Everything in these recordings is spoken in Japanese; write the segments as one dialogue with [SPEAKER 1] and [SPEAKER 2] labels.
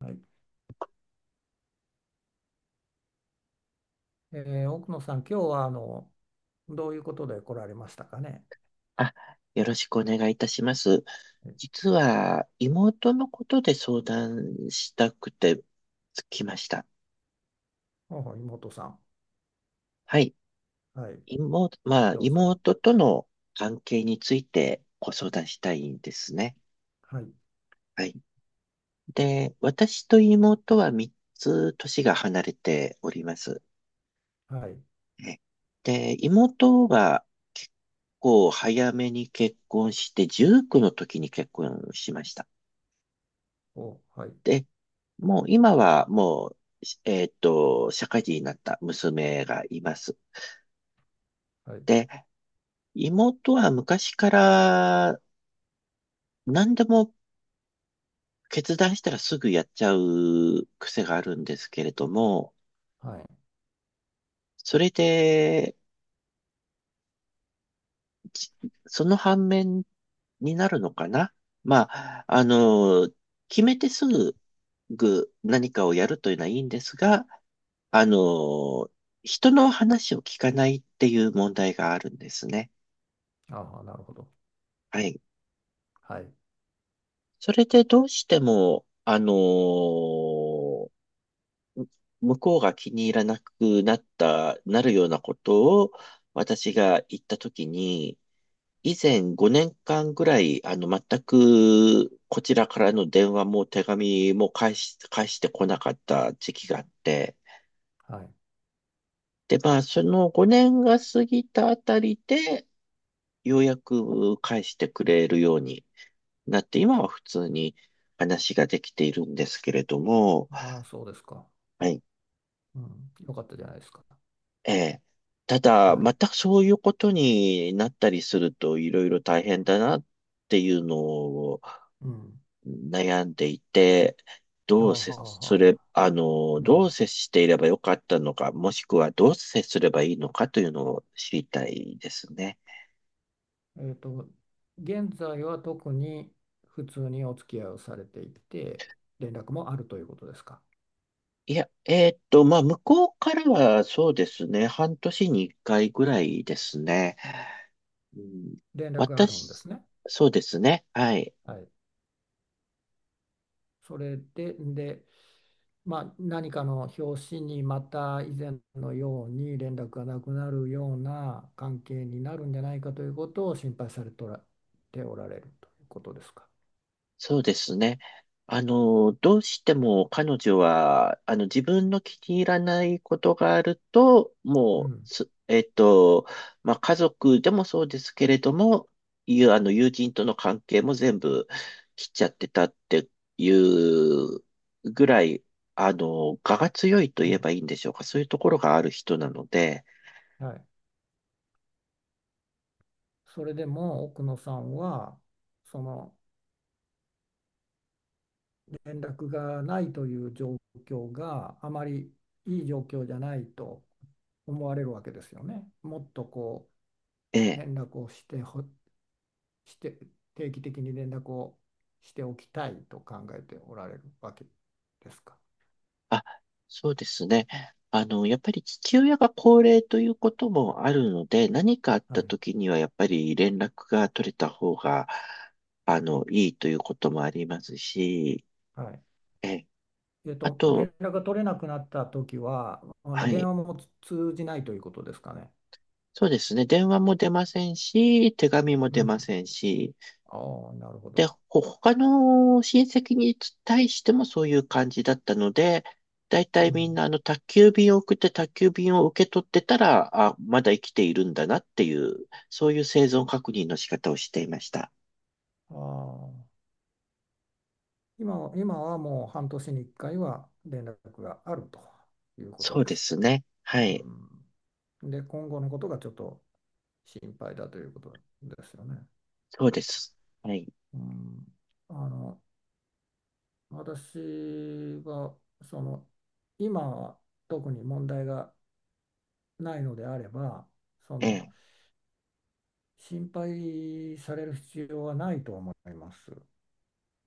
[SPEAKER 1] はい、え奥野さん、今日はどういうことで来られましたかね。
[SPEAKER 2] あ、よろしくお願いいたします。
[SPEAKER 1] え
[SPEAKER 2] 実は、妹のことで相談したくて来ました。
[SPEAKER 1] ほうほう妹さん、
[SPEAKER 2] はい。
[SPEAKER 1] はい、
[SPEAKER 2] 妹、まあ、
[SPEAKER 1] どうぞ。
[SPEAKER 2] 妹との関係についてご相談したいんですね。
[SPEAKER 1] はい、
[SPEAKER 2] はい。で、私と妹は3つ年が離れております。
[SPEAKER 1] はい、
[SPEAKER 2] ねで、妹は、こう、早めに結婚して、19の時に結婚しました。
[SPEAKER 1] はい、
[SPEAKER 2] で、もう今はもう、社会人になった娘がいます。
[SPEAKER 1] はい、
[SPEAKER 2] で、妹は昔から何でも決断したらすぐやっちゃう癖があるんですけれども、
[SPEAKER 1] はい。
[SPEAKER 2] それで、じその反面になるのかな、まあ、決めてすぐ何かをやるというのはいいんですが、あの、人の話を聞かないっていう問題があるんですね。
[SPEAKER 1] ああ、なるほど。
[SPEAKER 2] はい。
[SPEAKER 1] はい、
[SPEAKER 2] それでどうしても、向こうが気に入らなくなった、なるようなことを私が言ったときに、以前5年間ぐらい、全くこちらからの電話も手紙も返し、返してこなかった時期があって、
[SPEAKER 1] はい。
[SPEAKER 2] で、まあ、その5年が過ぎたあたりで、ようやく返してくれるようになって、今は普通に話ができているんですけれども、
[SPEAKER 1] ああ、そうですか。
[SPEAKER 2] はい。
[SPEAKER 1] うん、よかったじゃないですか。
[SPEAKER 2] ええ。た
[SPEAKER 1] は
[SPEAKER 2] だ、ま
[SPEAKER 1] い。
[SPEAKER 2] たそういうことになったりするといろいろ大変だなっていうのを
[SPEAKER 1] うん。
[SPEAKER 2] 悩んでいて、
[SPEAKER 1] ああ、
[SPEAKER 2] どう接
[SPEAKER 1] はあ、
[SPEAKER 2] す
[SPEAKER 1] は
[SPEAKER 2] れ、
[SPEAKER 1] あ。
[SPEAKER 2] ど
[SPEAKER 1] な、
[SPEAKER 2] う接していればよかったのか、もしくはどう接すればいいのかというのを知りたいですね。
[SPEAKER 1] えっと、現在は特に普通にお付き合いをされていて、連絡もあるということですか。
[SPEAKER 2] いや、まあ、向こうからはそうですね、半年に一回ぐらいですね。うん、
[SPEAKER 1] 連絡があるんで
[SPEAKER 2] 私、
[SPEAKER 1] すね。
[SPEAKER 2] そうですね、はい。
[SPEAKER 1] はい。それで、まあ、何かの表紙にまた以前のように連絡がなくなるような関係になるんじゃないかということを心配されておられるということですか。
[SPEAKER 2] そうですね。どうしても彼女は、自分の気に入らないことがあると、
[SPEAKER 1] う
[SPEAKER 2] もう、
[SPEAKER 1] ん、
[SPEAKER 2] すえっと、まあ、家族でもそうですけれども、いう、あの、友人との関係も全部切っちゃってたっていうぐらい、我が強いと
[SPEAKER 1] う
[SPEAKER 2] 言え
[SPEAKER 1] ん、
[SPEAKER 2] ばいいんでしょうか。そういうところがある人なので、
[SPEAKER 1] はい。それでも奥野さんはその連絡がないという状況があまりいい状況じゃないと思われるわけですよね。もっとこ
[SPEAKER 2] え
[SPEAKER 1] う
[SPEAKER 2] え。
[SPEAKER 1] 連絡をして、定期的に連絡をしておきたいと考えておられるわけですか。
[SPEAKER 2] あ、そうですね。やっぱり父親が高齢ということもあるので、何かあっ
[SPEAKER 1] は
[SPEAKER 2] た
[SPEAKER 1] い。
[SPEAKER 2] 時にはやっぱり連絡が取れた方が、いいということもありますし、
[SPEAKER 1] はい。
[SPEAKER 2] え、あ
[SPEAKER 1] 連
[SPEAKER 2] と、
[SPEAKER 1] 絡が取れなくなったときは、
[SPEAKER 2] は
[SPEAKER 1] 電
[SPEAKER 2] い、
[SPEAKER 1] 話も通じないということですかね。
[SPEAKER 2] そうですね。電話も出ませんし、手紙も
[SPEAKER 1] う
[SPEAKER 2] 出ま
[SPEAKER 1] ん。
[SPEAKER 2] せんし、
[SPEAKER 1] ああ、なるほ
[SPEAKER 2] で、
[SPEAKER 1] ど。
[SPEAKER 2] 他の親戚に対してもそういう感じだったので、だいた
[SPEAKER 1] う
[SPEAKER 2] いみん
[SPEAKER 1] ん。
[SPEAKER 2] な宅急便を送って宅急便を受け取ってたら、あ、まだ生きているんだなっていう、そういう生存確認の仕方をしていました。
[SPEAKER 1] ああ。今はもう半年に1回は連絡があるということ
[SPEAKER 2] そう
[SPEAKER 1] で
[SPEAKER 2] で
[SPEAKER 1] す。
[SPEAKER 2] すね。はい。
[SPEAKER 1] うん。で、今後のことがちょっと心配だということですよね。
[SPEAKER 2] そうです。はい。
[SPEAKER 1] うん。あの、私はその今は特に問題がないのであれば、そ
[SPEAKER 2] え
[SPEAKER 1] の
[SPEAKER 2] え。
[SPEAKER 1] 心配される必要はないと思います。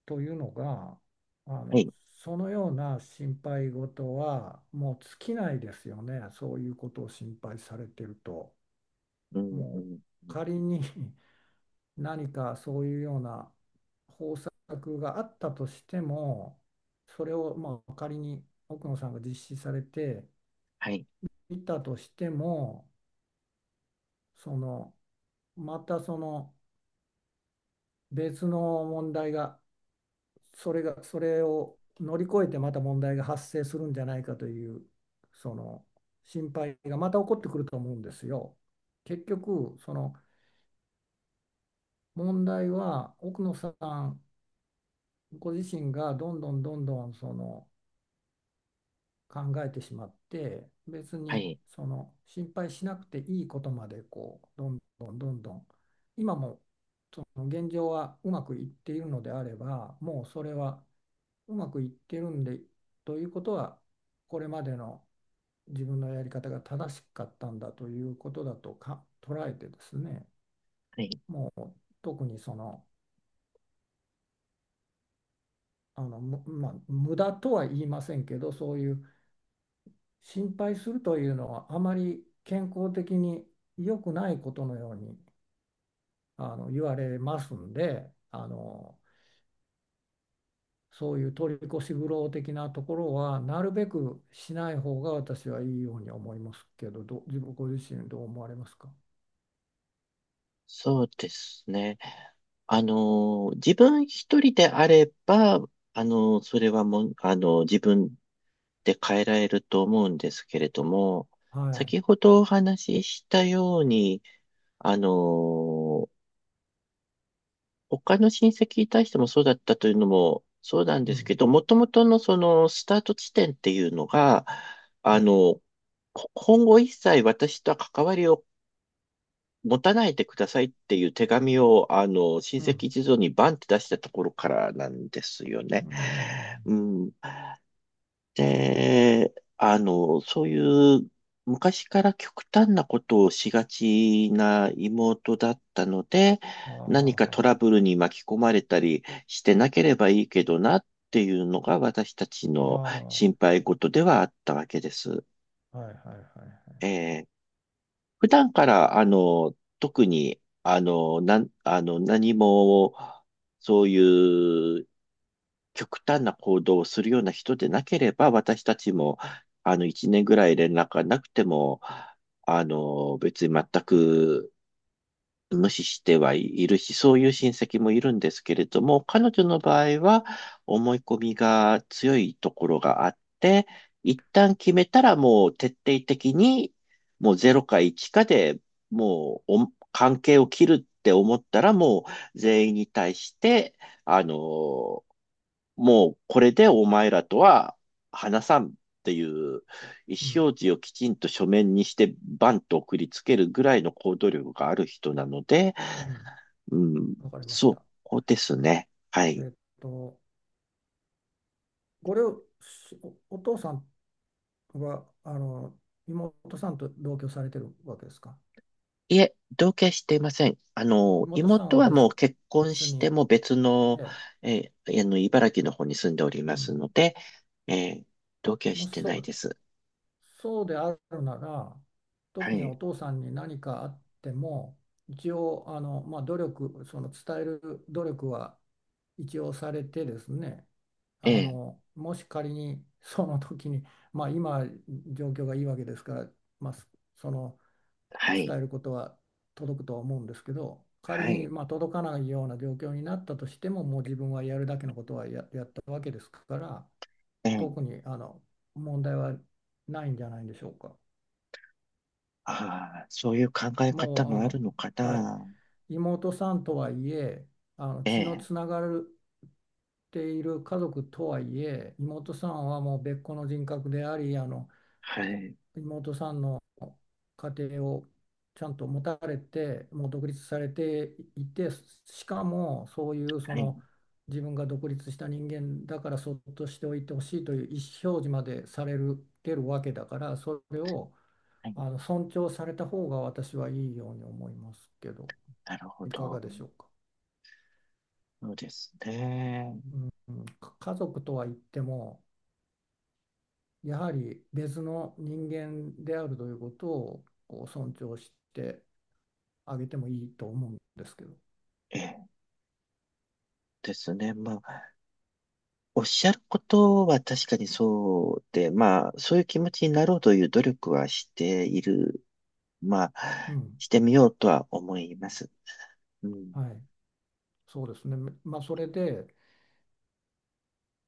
[SPEAKER 1] というのが、あ
[SPEAKER 2] は
[SPEAKER 1] の
[SPEAKER 2] い。
[SPEAKER 1] そのような心配事はもう尽きないですよね。そういうことを心配されてると、
[SPEAKER 2] うん、う
[SPEAKER 1] もう
[SPEAKER 2] ん。うん
[SPEAKER 1] 仮に 何かそういうような方策があったとしても、それをまあ仮に奥野さんが実施されて
[SPEAKER 2] はい。
[SPEAKER 1] いたとしても、そのまたその別の問題が、それを乗り越えてまた問題が発生するんじゃないかという、その心配がまた起こってくると思うんですよ。結局、その問題は奥野さんご自身がどんどんどんどんその考えてしまって、別
[SPEAKER 2] は
[SPEAKER 1] に
[SPEAKER 2] い。
[SPEAKER 1] その心配しなくていいことまでこうどんどんどんどん、今も現状はうまくいっているのであれば、もうそれはうまくいってるんで、ということはこれまでの自分のやり方が正しかったんだということだとか捉えてですね、
[SPEAKER 2] はい。
[SPEAKER 1] もう特にその、あのむまあ無駄とは言いませんけど、そういう心配するというのはあまり健康的に良くないことのように言われますんで、そういう取り越し苦労的なところはなるべくしない方が私はいいように思いますけど、自分ご自身どう思われますか。
[SPEAKER 2] そうですね。あの自分一人であれば、それはもう、自分って変えられると思うんですけれども、
[SPEAKER 1] はい。
[SPEAKER 2] 先ほどお話ししたように、あの、他の親戚に対してもそうだったというのもそうなん
[SPEAKER 1] う
[SPEAKER 2] ですけ
[SPEAKER 1] ん。
[SPEAKER 2] ど、もともとのそのスタート地点っていうのが、
[SPEAKER 1] え
[SPEAKER 2] あ
[SPEAKER 1] え。
[SPEAKER 2] の、今後一切私とは関わりを持たないでくださいっていう手紙を、親
[SPEAKER 1] う
[SPEAKER 2] 戚
[SPEAKER 1] ん。
[SPEAKER 2] 一同にバンって出したところからなんですよ
[SPEAKER 1] う
[SPEAKER 2] ね。
[SPEAKER 1] んうんうん
[SPEAKER 2] うん。で、そういう昔から極端なことをしがちな妹だったので、
[SPEAKER 1] うん、ああ、は
[SPEAKER 2] 何か
[SPEAKER 1] あ
[SPEAKER 2] トラ
[SPEAKER 1] は
[SPEAKER 2] ブルに巻き込まれたりしてなければいいけどなっていうのが私たち
[SPEAKER 1] あ
[SPEAKER 2] の
[SPEAKER 1] は
[SPEAKER 2] 心配事ではあったわけです。
[SPEAKER 1] あ。ああ、はいはいはいはい。
[SPEAKER 2] えー普段から、特に、あの、なん、あの、何も、そういう極端な行動をするような人でなければ、私たちも、一年ぐらい連絡がなくても、別に全く無視してはいるし、そういう親戚もいるんですけれども、彼女の場合は、思い込みが強いところがあって、一旦決めたらもう徹底的に、もうゼロか1かで、もうお関係を切るって思ったら、もう全員に対して、あの、もうこれでお前らとは話さんっていう意
[SPEAKER 1] う
[SPEAKER 2] 思
[SPEAKER 1] ん。
[SPEAKER 2] 表示をきちんと書面にしてバンと送りつけるぐらいの行動力がある人なので、
[SPEAKER 1] うん。
[SPEAKER 2] うん、
[SPEAKER 1] わかりまし
[SPEAKER 2] そ
[SPEAKER 1] た。
[SPEAKER 2] うですね。はい。
[SPEAKER 1] えっと、これをしお、お父さんは、妹さんと同居されてるわけですか。
[SPEAKER 2] いえ、同居はしていません。
[SPEAKER 1] 妹さん
[SPEAKER 2] 妹
[SPEAKER 1] は
[SPEAKER 2] はもう結婚
[SPEAKER 1] 別
[SPEAKER 2] し
[SPEAKER 1] に、
[SPEAKER 2] ても別
[SPEAKER 1] え
[SPEAKER 2] の、
[SPEAKER 1] え、
[SPEAKER 2] 茨城の方に住んでおり
[SPEAKER 1] う
[SPEAKER 2] ます
[SPEAKER 1] ん。
[SPEAKER 2] ので、えー同居は
[SPEAKER 1] も
[SPEAKER 2] し
[SPEAKER 1] し
[SPEAKER 2] て
[SPEAKER 1] そ
[SPEAKER 2] ない
[SPEAKER 1] う、
[SPEAKER 2] です。
[SPEAKER 1] そうであるなら、
[SPEAKER 2] は
[SPEAKER 1] 特にお
[SPEAKER 2] い。
[SPEAKER 1] 父さんに何かあっても、一応、まあ、その伝える努力は一応されてですね、
[SPEAKER 2] ええ、
[SPEAKER 1] もし仮にその時に、まあ、今、状況がいいわけですから、まあ、その、
[SPEAKER 2] はい。
[SPEAKER 1] 伝えることは届くとは思うんですけど、仮
[SPEAKER 2] は
[SPEAKER 1] に
[SPEAKER 2] い。
[SPEAKER 1] まあ届かないような状況になったとしても、もう自分はやるだけのことはやったわけですから、
[SPEAKER 2] え
[SPEAKER 1] 特
[SPEAKER 2] え、
[SPEAKER 1] に問題はないんじゃないでしょうか。
[SPEAKER 2] ああ、そういう考え方
[SPEAKER 1] もう
[SPEAKER 2] もあるのか
[SPEAKER 1] はい、
[SPEAKER 2] な。
[SPEAKER 1] 妹さんとはいえ、
[SPEAKER 2] え
[SPEAKER 1] 血の
[SPEAKER 2] え、
[SPEAKER 1] つながるっている家族とはいえ、妹さんはもう別個の人格であり、
[SPEAKER 2] はい、
[SPEAKER 1] 妹さんの家庭をちゃんと持たれて、もう独立されていて、しかもそういうそ
[SPEAKER 2] はい、
[SPEAKER 1] の自分が独立した人間だからそっとしておいてほしいという意思表示までされる、てるわけだから、それを
[SPEAKER 2] はい。
[SPEAKER 1] 尊重された方が私はいいように思いますけど、
[SPEAKER 2] なるほ
[SPEAKER 1] いか
[SPEAKER 2] ど。
[SPEAKER 1] がでしょうか。
[SPEAKER 2] そうですね。
[SPEAKER 1] うんうん、家族とは言っても、やはり別の人間であるということをこう尊重して上げてもいいと思うんですけど、
[SPEAKER 2] ええ、ですね。まあ、おっしゃることは確かにそうで、まあ、そういう気持ちになろうという努力はしている。ま
[SPEAKER 1] う
[SPEAKER 2] あ、
[SPEAKER 1] ん、
[SPEAKER 2] してみようとは思います。うん。
[SPEAKER 1] はい、そうですね、まあ、それで、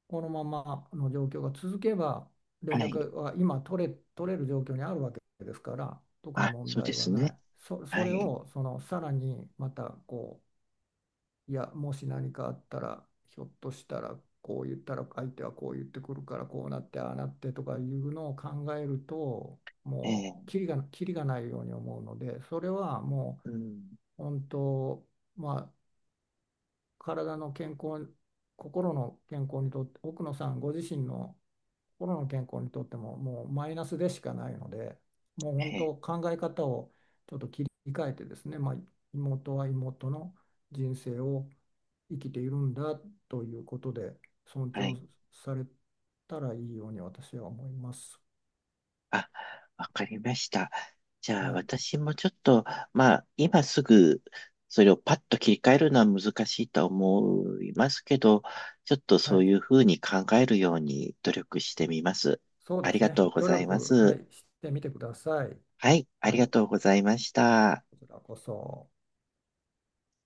[SPEAKER 1] このままの状況が続けば、連
[SPEAKER 2] はい。
[SPEAKER 1] 絡は今取れる状況にあるわけですから、特に
[SPEAKER 2] あ、
[SPEAKER 1] 問
[SPEAKER 2] そうで
[SPEAKER 1] 題は
[SPEAKER 2] す
[SPEAKER 1] な
[SPEAKER 2] ね。
[SPEAKER 1] い。そ
[SPEAKER 2] は
[SPEAKER 1] れ
[SPEAKER 2] い。
[SPEAKER 1] をそのさらにまたこう、いや、もし何かあったら、ひょっとしたらこう言ったら、相手はこう言ってくるから、こうなって、ああなってとかいうのを考えると、
[SPEAKER 2] え
[SPEAKER 1] もう、
[SPEAKER 2] え、
[SPEAKER 1] キリがないように思うので、それはも
[SPEAKER 2] うん。
[SPEAKER 1] う、本当、まあ、体の健康、心の健康にとって、奥野さんご自身の心の健康にとっても、もうマイナスでしかないので、もう本
[SPEAKER 2] ええ、
[SPEAKER 1] 当、考え方をちょっと切り替えてですね、まあ、妹は妹の人生を生きているんだということで、尊
[SPEAKER 2] は
[SPEAKER 1] 重
[SPEAKER 2] い。
[SPEAKER 1] されたらいいように私は思います。
[SPEAKER 2] あ、わかりました。じゃあ、
[SPEAKER 1] はい。
[SPEAKER 2] 私もちょっと、まあ、今すぐ、それをパッと切り替えるのは難しいと思いますけど、ちょっとそ
[SPEAKER 1] は
[SPEAKER 2] うい
[SPEAKER 1] い。
[SPEAKER 2] うふうに考えるように努力してみます。
[SPEAKER 1] そう
[SPEAKER 2] あ
[SPEAKER 1] で
[SPEAKER 2] り
[SPEAKER 1] す
[SPEAKER 2] が
[SPEAKER 1] ね。
[SPEAKER 2] とうご
[SPEAKER 1] 努
[SPEAKER 2] ざいま
[SPEAKER 1] 力、は
[SPEAKER 2] す。
[SPEAKER 1] い、してみてください。
[SPEAKER 2] はい、あ
[SPEAKER 1] は
[SPEAKER 2] りが
[SPEAKER 1] い。
[SPEAKER 2] とうございました。
[SPEAKER 1] こちらこそ。